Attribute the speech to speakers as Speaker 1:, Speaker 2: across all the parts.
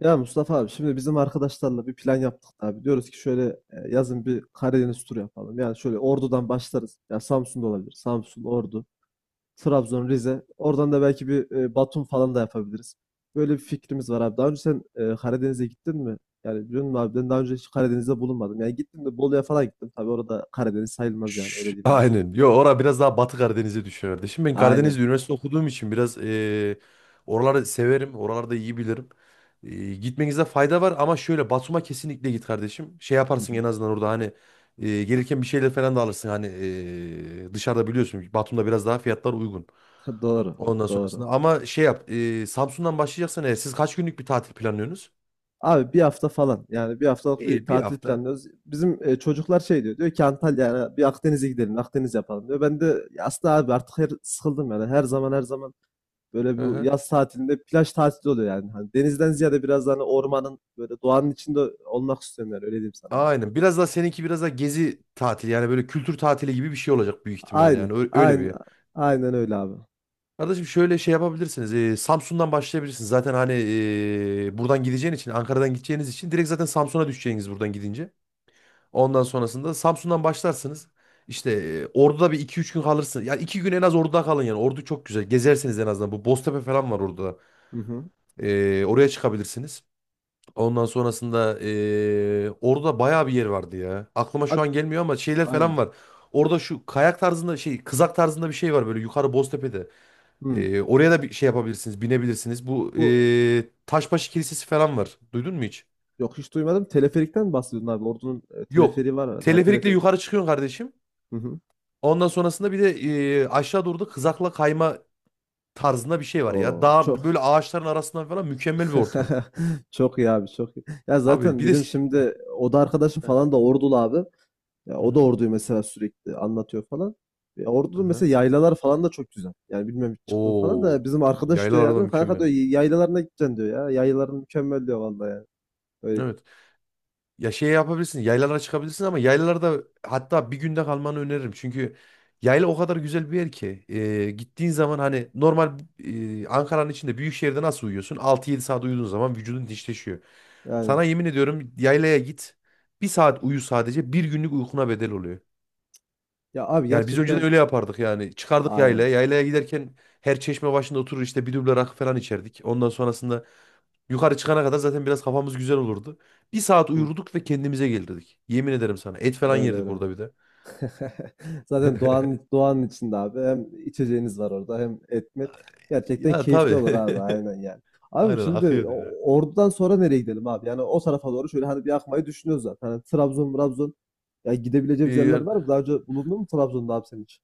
Speaker 1: Ya Mustafa abi, şimdi bizim arkadaşlarla bir plan yaptık abi. Diyoruz ki şöyle, yazın bir Karadeniz turu yapalım. Yani şöyle Ordu'dan başlarız. Ya Samsun'da olabilir. Samsun, Ordu, Trabzon, Rize. Oradan da belki bir Batum falan da yapabiliriz. Böyle bir fikrimiz var abi. Daha önce sen Karadeniz'e gittin mi? Yani biliyor musun abi, ben daha önce hiç Karadeniz'de bulunmadım. Yani gittim de Bolu'ya falan gittim. Tabii orada Karadeniz sayılmaz, yani öyle diyeyim abi.
Speaker 2: Aynen. Yo ora biraz daha Batı Karadeniz'e düşüyor kardeşim. Ben
Speaker 1: Aynen.
Speaker 2: Karadeniz'de üniversite okuduğum için biraz oraları severim. Oralarda iyi bilirim. Gitmenizde fayda var ama şöyle Batum'a kesinlikle git kardeşim. Şey
Speaker 1: Hı
Speaker 2: yaparsın
Speaker 1: hı.
Speaker 2: en azından orada hani gelirken bir şeyler falan da alırsın. Hani dışarıda biliyorsun Batum'da biraz daha fiyatlar uygun.
Speaker 1: Doğru,
Speaker 2: Ondan
Speaker 1: doğru.
Speaker 2: sonrasında ama şey yap Samsun'dan başlayacaksan eğer siz kaç günlük bir tatil planlıyorsunuz?
Speaker 1: Abi bir hafta falan, yani bir haftalık bir
Speaker 2: İyi bir
Speaker 1: tatil
Speaker 2: hafta.
Speaker 1: planlıyoruz. Bizim çocuklar şey diyor ki Antalya, yani bir Akdeniz'e gidelim, Akdeniz yapalım diyor. Ben de "Ya aslında abi, artık sıkıldım yani, her zaman her zaman böyle
Speaker 2: Hı
Speaker 1: bu
Speaker 2: hı.
Speaker 1: yaz tatilinde plaj tatili oluyor yani. Hani denizden ziyade biraz daha hani ormanın, böyle doğanın içinde olmak istiyorum, yani öyle diyeyim sana abi.
Speaker 2: Aynen. Biraz daha seninki biraz daha gezi tatili yani böyle kültür tatili gibi bir şey olacak büyük ihtimalle
Speaker 1: Aynen,
Speaker 2: yani öyle
Speaker 1: aynen,
Speaker 2: bir.
Speaker 1: aynen öyle abi.
Speaker 2: Kardeşim şöyle şey yapabilirsiniz. Samsun'dan başlayabilirsiniz. Zaten hani buradan gideceğin için, Ankara'dan gideceğiniz için direkt zaten Samsun'a düşeceğiniz buradan gidince. Ondan sonrasında Samsun'dan başlarsınız. İşte Ordu'da bir iki üç gün kalırsınız. Ya iki gün en az Ordu'da kalın yani. Ordu çok güzel. Gezersiniz en azından. Bu Boztepe falan var orada.
Speaker 1: Hı hı.
Speaker 2: Oraya çıkabilirsiniz. Ondan sonrasında orada bayağı bir yer vardı ya. Aklıma şu
Speaker 1: Abi,
Speaker 2: an gelmiyor ama şeyler
Speaker 1: aynen.
Speaker 2: falan var. Orada şu kayak tarzında şey kızak tarzında bir şey var böyle yukarı Boztepe'de.
Speaker 1: Hı.
Speaker 2: Oraya da bir şey yapabilirsiniz binebilirsiniz. Bu
Speaker 1: Bu
Speaker 2: Taşbaşı Kilisesi falan var. Duydun mu hiç?
Speaker 1: Yok, hiç duymadım, teleferikten mi bahsediyorsun abi? Ordu'nun
Speaker 2: Yok.
Speaker 1: teleferiği var herhalde. Ha,
Speaker 2: Teleferikle
Speaker 1: teleferik.
Speaker 2: yukarı çıkıyorsun kardeşim.
Speaker 1: Hı hı.
Speaker 2: Ondan sonrasında bir de aşağı doğru da kızakla kayma tarzında bir şey var ya.
Speaker 1: O
Speaker 2: Dağ
Speaker 1: çok
Speaker 2: böyle ağaçların arasından falan mükemmel bir ortam.
Speaker 1: çok iyi abi, çok iyi. Ya
Speaker 2: Tabii
Speaker 1: zaten
Speaker 2: bir de...
Speaker 1: benim şimdi o da arkadaşım
Speaker 2: Hı
Speaker 1: falan da Ordulu abi. Ya o da
Speaker 2: hı.
Speaker 1: Ordu'yu mesela sürekli anlatıyor falan.
Speaker 2: Hı
Speaker 1: Ordu'nun
Speaker 2: hı.
Speaker 1: mesela yaylalar falan da çok güzel. Yani bilmem hiç çıktın falan da,
Speaker 2: Oo,
Speaker 1: bizim arkadaş
Speaker 2: yaylar
Speaker 1: diyor
Speaker 2: arada
Speaker 1: yani, kanka diyor,
Speaker 2: mükemmel.
Speaker 1: yaylalarına gideceksin diyor ya. Yaylaların mükemmel diyor vallahi yani. Öyle
Speaker 2: Evet. Ya şey yapabilirsin. Yaylalara çıkabilirsin ama yaylalarda hatta bir günde kalmanı öneririm. Çünkü yayla o kadar güzel bir yer ki. Gittiğin zaman hani normal Ankara'nın içinde büyük şehirde nasıl uyuyorsun? Altı yedi saat uyuduğun zaman vücudun dişleşiyor.
Speaker 1: yani.
Speaker 2: Sana yemin ediyorum yaylaya git. Bir saat uyu sadece bir günlük uykuna bedel oluyor.
Speaker 1: Ya abi
Speaker 2: Yani biz önceden
Speaker 1: gerçekten,
Speaker 2: öyle yapardık yani. Çıkardık
Speaker 1: aynen.
Speaker 2: yaylaya. Yaylaya giderken her çeşme başında oturur işte bir duble rakı falan içerdik. Ondan sonrasında yukarı çıkana kadar zaten biraz kafamız güzel olurdu. Bir saat
Speaker 1: Hı,
Speaker 2: uyurduk ve kendimize gelirdik. Yemin ederim sana. Et falan
Speaker 1: öyle
Speaker 2: yerdik
Speaker 1: öyle.
Speaker 2: orada bir de.
Speaker 1: Zaten doğanın, içinde abi. Hem içeceğiniz var orada, hem etmet. Gerçekten
Speaker 2: Ya
Speaker 1: keyifli
Speaker 2: tabii.
Speaker 1: olur abi, aynen yani. Abi
Speaker 2: Aynen
Speaker 1: şimdi
Speaker 2: akıyordu ya.
Speaker 1: Ordu'dan sonra nereye gidelim abi? Yani o tarafa doğru şöyle hani bir akmayı düşünüyoruz zaten. Hani Trabzon, Trabzon. Ya gidebileceğimiz yerler
Speaker 2: Ee,
Speaker 1: var mı? Daha önce bulundun mu Trabzon'da abi sen hiç?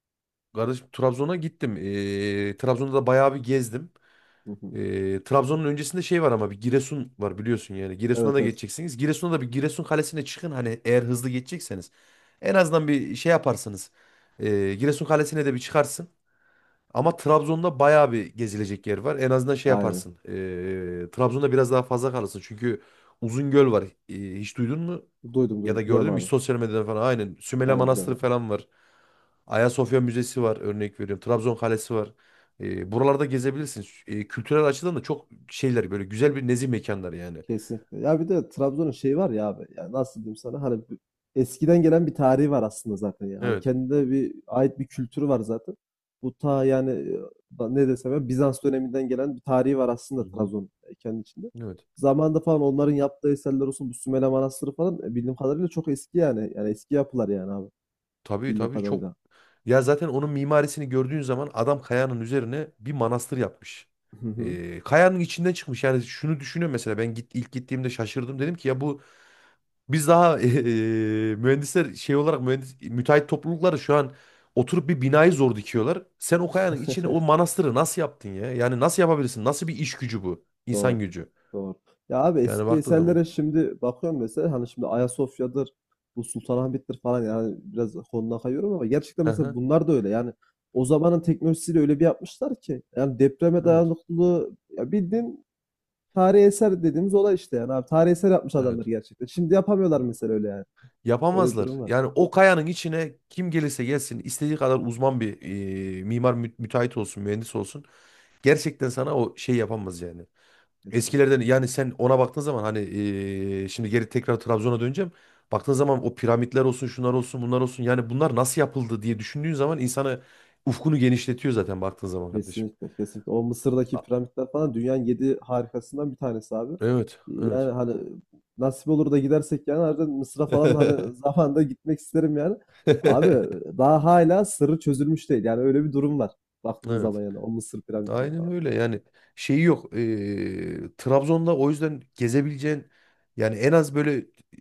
Speaker 2: Kardeşim Trabzon'a gittim. Trabzon'da da bayağı bir gezdim.
Speaker 1: Hı hı.
Speaker 2: Trabzon'un öncesinde şey var ama bir Giresun var biliyorsun yani. Giresun'a
Speaker 1: Evet,
Speaker 2: da
Speaker 1: evet.
Speaker 2: geçeceksiniz. Giresun'a da bir Giresun Kalesi'ne çıkın hani eğer hızlı geçecekseniz. En azından bir şey yaparsınız. Giresun Kalesi'ne de bir çıkarsın. Ama Trabzon'da bayağı bir gezilecek yer var. En azından şey
Speaker 1: Aynen.
Speaker 2: yaparsın. Trabzon'da biraz daha fazla kalırsın. Çünkü Uzungöl var. Hiç duydun mu?
Speaker 1: Duydum,
Speaker 2: Ya da
Speaker 1: duydum. Biliyorum
Speaker 2: gördün mü hiç
Speaker 1: abi.
Speaker 2: sosyal medyada falan aynen. Sümele
Speaker 1: Aynen, biliyorum
Speaker 2: Manastırı
Speaker 1: abi.
Speaker 2: falan var. Ayasofya Müzesi var örnek veriyorum. Trabzon Kalesi var. E, buralarda gezebilirsin. E, kültürel açıdan da çok şeyler böyle güzel bir nezih mekanlar yani.
Speaker 1: Kesinlikle. Ya bir de Trabzon'un şeyi var ya abi. Yani nasıl diyeyim sana? Hani eskiden gelen bir tarihi var aslında zaten. Yani, hani
Speaker 2: Evet.
Speaker 1: kendine bir ait bir kültürü var zaten. Bu ta yani ne desem ya, Bizans döneminden gelen bir tarihi var
Speaker 2: Hı
Speaker 1: aslında
Speaker 2: hı.
Speaker 1: Trabzon kendi içinde.
Speaker 2: Evet.
Speaker 1: Zamanında falan onların yaptığı eserler olsun, bu Sümele Manastırı falan bildiğim kadarıyla çok eski yani. Yani eski yapılar yani abi,
Speaker 2: Tabii
Speaker 1: bildiğim
Speaker 2: tabii çok.
Speaker 1: kadarıyla.
Speaker 2: Ya zaten onun mimarisini gördüğün zaman adam kayanın üzerine bir manastır yapmış.
Speaker 1: Hı hı.
Speaker 2: E, kayanın içinden çıkmış. Yani şunu düşünüyorum mesela ben git, ilk gittiğimde şaşırdım. Dedim ki ya bu biz daha mühendisler şey olarak mühendis, müteahhit toplulukları şu an oturup bir binayı zor dikiyorlar. Sen o kayanın içine o manastırı nasıl yaptın ya? Yani nasıl yapabilirsin? Nasıl bir iş gücü bu?
Speaker 1: Doğru.
Speaker 2: İnsan gücü.
Speaker 1: Doğru. Ya abi,
Speaker 2: Yani
Speaker 1: eski
Speaker 2: baktığın zaman.
Speaker 1: eserlere şimdi bakıyorum mesela, hani şimdi Ayasofya'dır, bu Sultanahmet'tir falan, yani biraz konudan kayıyorum ama gerçekten mesela
Speaker 2: Aha,
Speaker 1: bunlar da öyle. Yani o zamanın teknolojisiyle öyle bir yapmışlar ki, yani depreme
Speaker 2: evet.
Speaker 1: dayanıklılığı, ya bildiğin tarihi eser dediğimiz olay işte, yani abi tarihi eser yapmış adamlar
Speaker 2: Evet.
Speaker 1: gerçekten. Şimdi yapamıyorlar mesela, öyle yani. Öyle bir
Speaker 2: Yapamazlar.
Speaker 1: durum var.
Speaker 2: Yani o kayanın içine kim gelirse gelsin istediği kadar uzman bir mimar müteahhit olsun, mühendis olsun. Gerçekten sana o şey yapamaz yani.
Speaker 1: Kesinlikle.
Speaker 2: Eskilerden yani sen ona baktığın zaman hani şimdi geri tekrar Trabzon'a döneceğim. Baktığın zaman o piramitler olsun, şunlar olsun, bunlar olsun. Yani bunlar nasıl yapıldı diye düşündüğün zaman insanı ufkunu genişletiyor zaten baktığın zaman kardeşim.
Speaker 1: Kesinlikle, kesinlikle. O Mısır'daki
Speaker 2: A-
Speaker 1: piramitler falan dünyanın yedi harikasından bir tanesi abi.
Speaker 2: Evet, evet.
Speaker 1: Yani hani nasip olur da gidersek yani, harbiden Mısır'a falan hani zamanında gitmek isterim yani. Abi daha hala sırrı çözülmüş değil. Yani öyle bir durum var. Baktığın zaman
Speaker 2: Evet.
Speaker 1: yani o Mısır piramitini
Speaker 2: Aynen
Speaker 1: falan.
Speaker 2: öyle yani şeyi yok. Trabzon'da o yüzden gezebileceğin yani en az böyle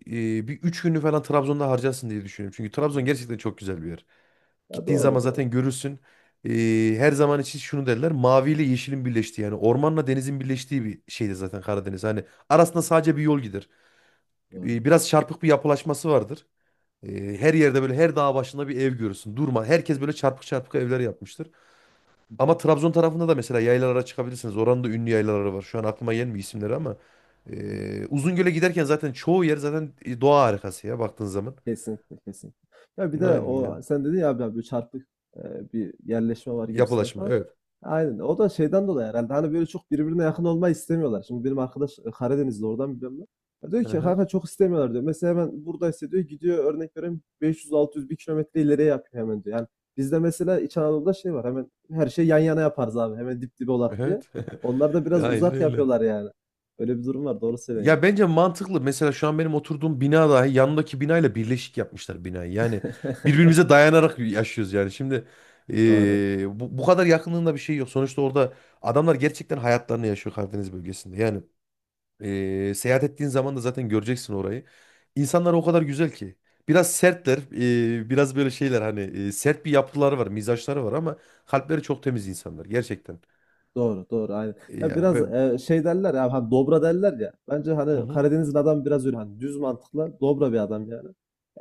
Speaker 2: bir üç günü falan Trabzon'da harcarsın diye düşünüyorum. Çünkü Trabzon gerçekten çok güzel bir yer.
Speaker 1: Ya
Speaker 2: Gittiğin zaman
Speaker 1: doğru, doğru.
Speaker 2: zaten görürsün. Her zaman için şunu derler. Mavi ile yeşilin birleştiği yani ormanla denizin birleştiği bir şeydir zaten Karadeniz. Hani arasında sadece bir yol gider.
Speaker 1: Doğru.
Speaker 2: Biraz çarpık bir yapılaşması vardır. Her yerde böyle her dağ başında bir ev görürsün. Durma. Herkes böyle çarpık çarpık evler yapmıştır.
Speaker 1: Hı hı.
Speaker 2: Ama Trabzon tarafında da mesela yaylalara çıkabilirsiniz. Oranın da ünlü yaylaları var. Şu an aklıma gelmiyor isimleri ama.
Speaker 1: Hı hı.
Speaker 2: Uzungöl'e giderken zaten çoğu yer zaten doğa harikası ya baktığın zaman.
Speaker 1: Kesinlikle, kesinlikle. Ya bir de
Speaker 2: Aynen yani.
Speaker 1: o sen dedin ya abi, abi çarpık bir yerleşme var gibisinde
Speaker 2: Yapılaşma
Speaker 1: falan.
Speaker 2: evet.
Speaker 1: Aynen. O da şeyden dolayı herhalde. Hani böyle çok birbirine yakın olmayı istemiyorlar. Şimdi benim arkadaş Karadenizli, oradan biliyorum ben. Ya diyor
Speaker 2: Hı
Speaker 1: ki
Speaker 2: hı.
Speaker 1: kanka, çok istemiyorlar diyor. Mesela hemen buradaysa diyor, gidiyor örnek vereyim 500-600 bir kilometre ileriye yapıyor hemen diyor. Yani bizde mesela İç Anadolu'da şey var, hemen her şey yan yana yaparız abi. Hemen dip dibe olak diye.
Speaker 2: Evet.
Speaker 1: Onlar da biraz
Speaker 2: Aynen
Speaker 1: uzak
Speaker 2: öyle.
Speaker 1: yapıyorlar yani. Öyle bir durum var. Doğru söylüyorsun
Speaker 2: Ya
Speaker 1: yani.
Speaker 2: bence mantıklı. Mesela şu an benim oturduğum bina dahi yanındaki binayla birleşik yapmışlar binayı. Yani birbirimize dayanarak yaşıyoruz yani. Şimdi
Speaker 1: Doğru.
Speaker 2: bu kadar yakınlığında bir şey yok. Sonuçta orada adamlar gerçekten hayatlarını yaşıyor Karadeniz bölgesinde. Yani seyahat ettiğin zaman da zaten göreceksin orayı. İnsanlar o kadar güzel ki. Biraz sertler, biraz böyle şeyler hani sert bir yapıları var, mizaçları var ama kalpleri çok temiz insanlar gerçekten.
Speaker 1: Doğru, doğru, aynen.
Speaker 2: E,
Speaker 1: Ya
Speaker 2: yani
Speaker 1: biraz
Speaker 2: ben...
Speaker 1: şey derler ya, hani dobra derler ya. Bence
Speaker 2: Hı
Speaker 1: hani
Speaker 2: hı.
Speaker 1: Karadeniz'in adam biraz öyle hani düz mantıklı, dobra bir adam yani.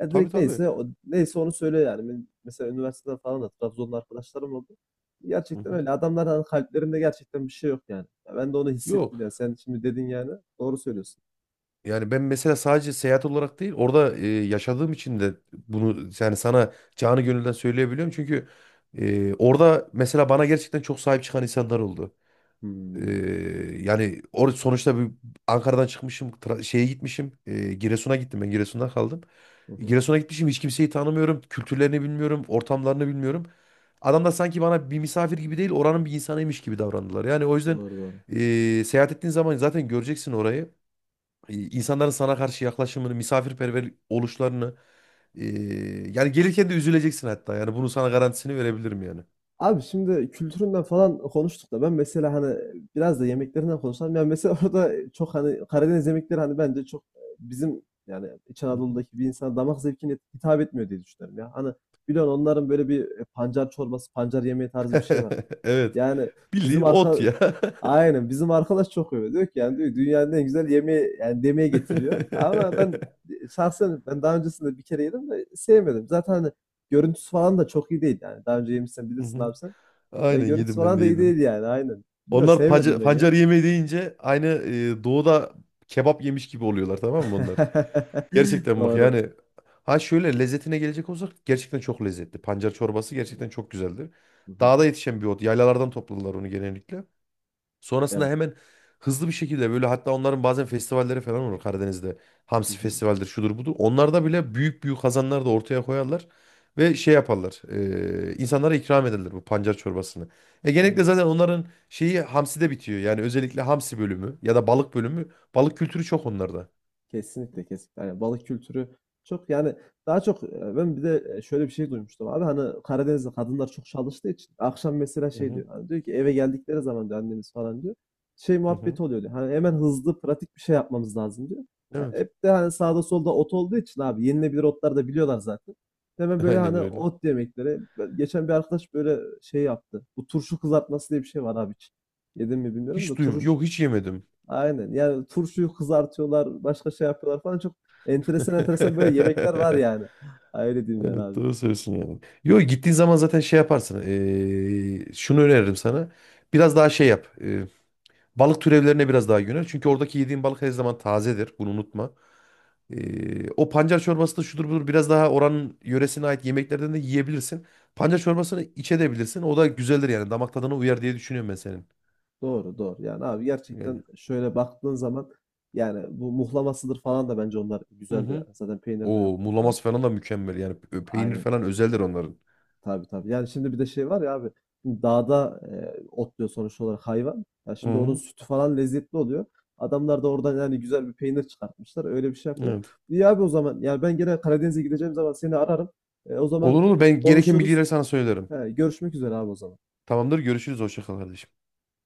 Speaker 1: Ya
Speaker 2: Tabii
Speaker 1: direkt
Speaker 2: tabii.
Speaker 1: neyse neyse onu söylüyor yani. Ben mesela üniversiteden falan da Trabzonlu arkadaşlarım oldu.
Speaker 2: Hı
Speaker 1: Gerçekten
Speaker 2: hı.
Speaker 1: öyle. Adamlar hani kalplerinde gerçekten bir şey yok yani. Ya ben de onu
Speaker 2: Yok.
Speaker 1: hissettim yani. Sen şimdi dedin yani. Doğru söylüyorsun.
Speaker 2: Yani ben mesela sadece seyahat olarak değil orada e, yaşadığım için de bunu yani sana canı gönülden söyleyebiliyorum. Çünkü e, orada mesela bana gerçekten çok sahip çıkan insanlar oldu. E,
Speaker 1: Hmm.
Speaker 2: yani sonuçta bir Ankara'dan çıkmışım şeye gitmişim e, Giresun'a gittim ben Giresun'da kaldım.
Speaker 1: Hı hı.
Speaker 2: Giresun'a gitmişim hiç kimseyi tanımıyorum kültürlerini bilmiyorum ortamlarını bilmiyorum. Adamlar sanki bana bir misafir gibi değil oranın bir insanıymış gibi davrandılar. Yani o yüzden
Speaker 1: Doğru, doğru.
Speaker 2: e, seyahat ettiğin zaman zaten göreceksin orayı. İnsanların sana karşı yaklaşımını, misafirperver oluşlarını e, yani gelirken de üzüleceksin hatta. Yani bunu sana garantisini verebilirim yani.
Speaker 1: Abi şimdi kültüründen falan konuştuk da, ben mesela hani biraz da yemeklerinden konuşalım. Yani mesela orada çok hani Karadeniz yemekleri hani bence çok bizim yani İç
Speaker 2: Hı hı.
Speaker 1: Anadolu'daki bir insan damak zevkine hitap etmiyor diye düşünüyorum ya. Hani biliyorsun onların böyle bir pancar çorbası, pancar yemeği tarzı bir şey var.
Speaker 2: Evet.
Speaker 1: Yani
Speaker 2: Bildiğin
Speaker 1: bizim
Speaker 2: ot
Speaker 1: arka
Speaker 2: ya.
Speaker 1: aynen bizim arkadaş çok öyle diyor ki, yani diyor dünyanın en güzel yemeği yani demeye getiriyor. Ama ben şahsen ben daha öncesinde bir kere yedim de sevmedim. Zaten hani görüntüsü falan da çok iyi değil yani. Daha önce yemişsen
Speaker 2: Hı
Speaker 1: bilirsin
Speaker 2: hı.
Speaker 1: abi sen. Ya
Speaker 2: Aynen
Speaker 1: görüntüsü
Speaker 2: yedim ben
Speaker 1: falan
Speaker 2: de
Speaker 1: da iyi
Speaker 2: yedim.
Speaker 1: değil yani, aynen. Bilmiyorum,
Speaker 2: Onlar pancar,
Speaker 1: sevmedim ben ya.
Speaker 2: pancar yemeği deyince aynı e, doğuda kebap yemiş gibi oluyorlar tamam mı onlar? Gerçekten bak
Speaker 1: Doğru.
Speaker 2: yani ha şöyle lezzetine gelecek olsak gerçekten çok lezzetli. Pancar çorbası gerçekten çok güzeldir.
Speaker 1: Hı hı.
Speaker 2: Dağda yetişen bir ot. Yaylalardan topladılar onu genellikle. Sonrasında
Speaker 1: Evet.
Speaker 2: hemen hızlı bir şekilde böyle hatta onların bazen festivalleri falan olur Karadeniz'de.
Speaker 1: Hı
Speaker 2: Hamsi
Speaker 1: hı.
Speaker 2: festivaldir şudur budur. Onlarda bile büyük büyük kazanlar da ortaya koyarlar. Ve şey yaparlar. E, insanlara ikram ederler bu pancar çorbasını. E genellikle
Speaker 1: Aynen.
Speaker 2: zaten onların şeyi hamside bitiyor. Yani özellikle hamsi bölümü ya da balık bölümü. Balık kültürü çok onlarda.
Speaker 1: Kesinlikle, kesinlikle. Yani balık kültürü çok yani, daha çok ben bir de şöyle bir şey duymuştum abi, hani Karadeniz'de kadınlar çok çalıştığı için akşam mesela
Speaker 2: Hı
Speaker 1: şey
Speaker 2: hı,
Speaker 1: diyor hani, diyor ki eve geldikleri zaman diyor annemiz falan diyor şey
Speaker 2: hı hı.
Speaker 1: muhabbeti oluyor diyor. Hani hemen hızlı pratik bir şey yapmamız lazım diyor. Ha,
Speaker 2: Evet.
Speaker 1: hep de hani sağda solda ot olduğu için abi, yenilebilir otlar da biliyorlar zaten. Hemen böyle
Speaker 2: Aynen
Speaker 1: hani
Speaker 2: öyle.
Speaker 1: ot yemekleri. Geçen bir arkadaş böyle şey yaptı. Bu turşu kızartması diye bir şey var abi, hiç yedim mi bilmiyorum da,
Speaker 2: Hiç duyum. Yok hiç yemedim.
Speaker 1: aynen. Yani turşuyu kızartıyorlar, başka şey yapıyorlar falan. Çok enteresan enteresan böyle yemekler var yani. Ha, öyle diyeyim yani
Speaker 2: Evet
Speaker 1: abi.
Speaker 2: doğru söylüyorsun yani. Yo gittiğin zaman zaten şey yaparsın. Şunu öneririm sana. Biraz daha şey yap. Balık türevlerine biraz daha yönel. Çünkü oradaki yediğin balık her zaman tazedir. Bunu unutma. O pancar çorbası da şudur budur. Biraz daha oranın yöresine ait yemeklerden de yiyebilirsin. Pancar çorbasını iç edebilirsin. O da güzeldir yani. Damak tadına uyar diye düşünüyorum ben senin.
Speaker 1: Doğru, doğru. Yani abi
Speaker 2: Yani.
Speaker 1: gerçekten şöyle baktığın zaman yani bu muhlamasıdır falan da bence onlar
Speaker 2: Hı
Speaker 1: güzeldir
Speaker 2: hı.
Speaker 1: yani. Zaten peynirden
Speaker 2: O
Speaker 1: yaptığı falan.
Speaker 2: muğlaması falan da mükemmel. Yani peynir
Speaker 1: Aynen.
Speaker 2: falan özeldir onların.
Speaker 1: Tabii, tabii. Yani şimdi bir de şey var ya abi. Şimdi dağda otluyor sonuç olarak hayvan. Ya
Speaker 2: Hı
Speaker 1: şimdi onun
Speaker 2: hı.
Speaker 1: sütü falan lezzetli oluyor. Adamlar da oradan yani güzel bir peynir çıkartmışlar. Öyle bir şey yapıyorlar.
Speaker 2: Evet.
Speaker 1: İyi abi, o zaman. Yani ben gene Karadeniz'e gideceğim zaman seni ararım. E, o zaman
Speaker 2: Olur olur. Ben gereken
Speaker 1: konuşuruz.
Speaker 2: bilgileri sana söylerim.
Speaker 1: He, görüşmek üzere abi, o zaman.
Speaker 2: Tamamdır. Görüşürüz. Hoşça kal kardeşim.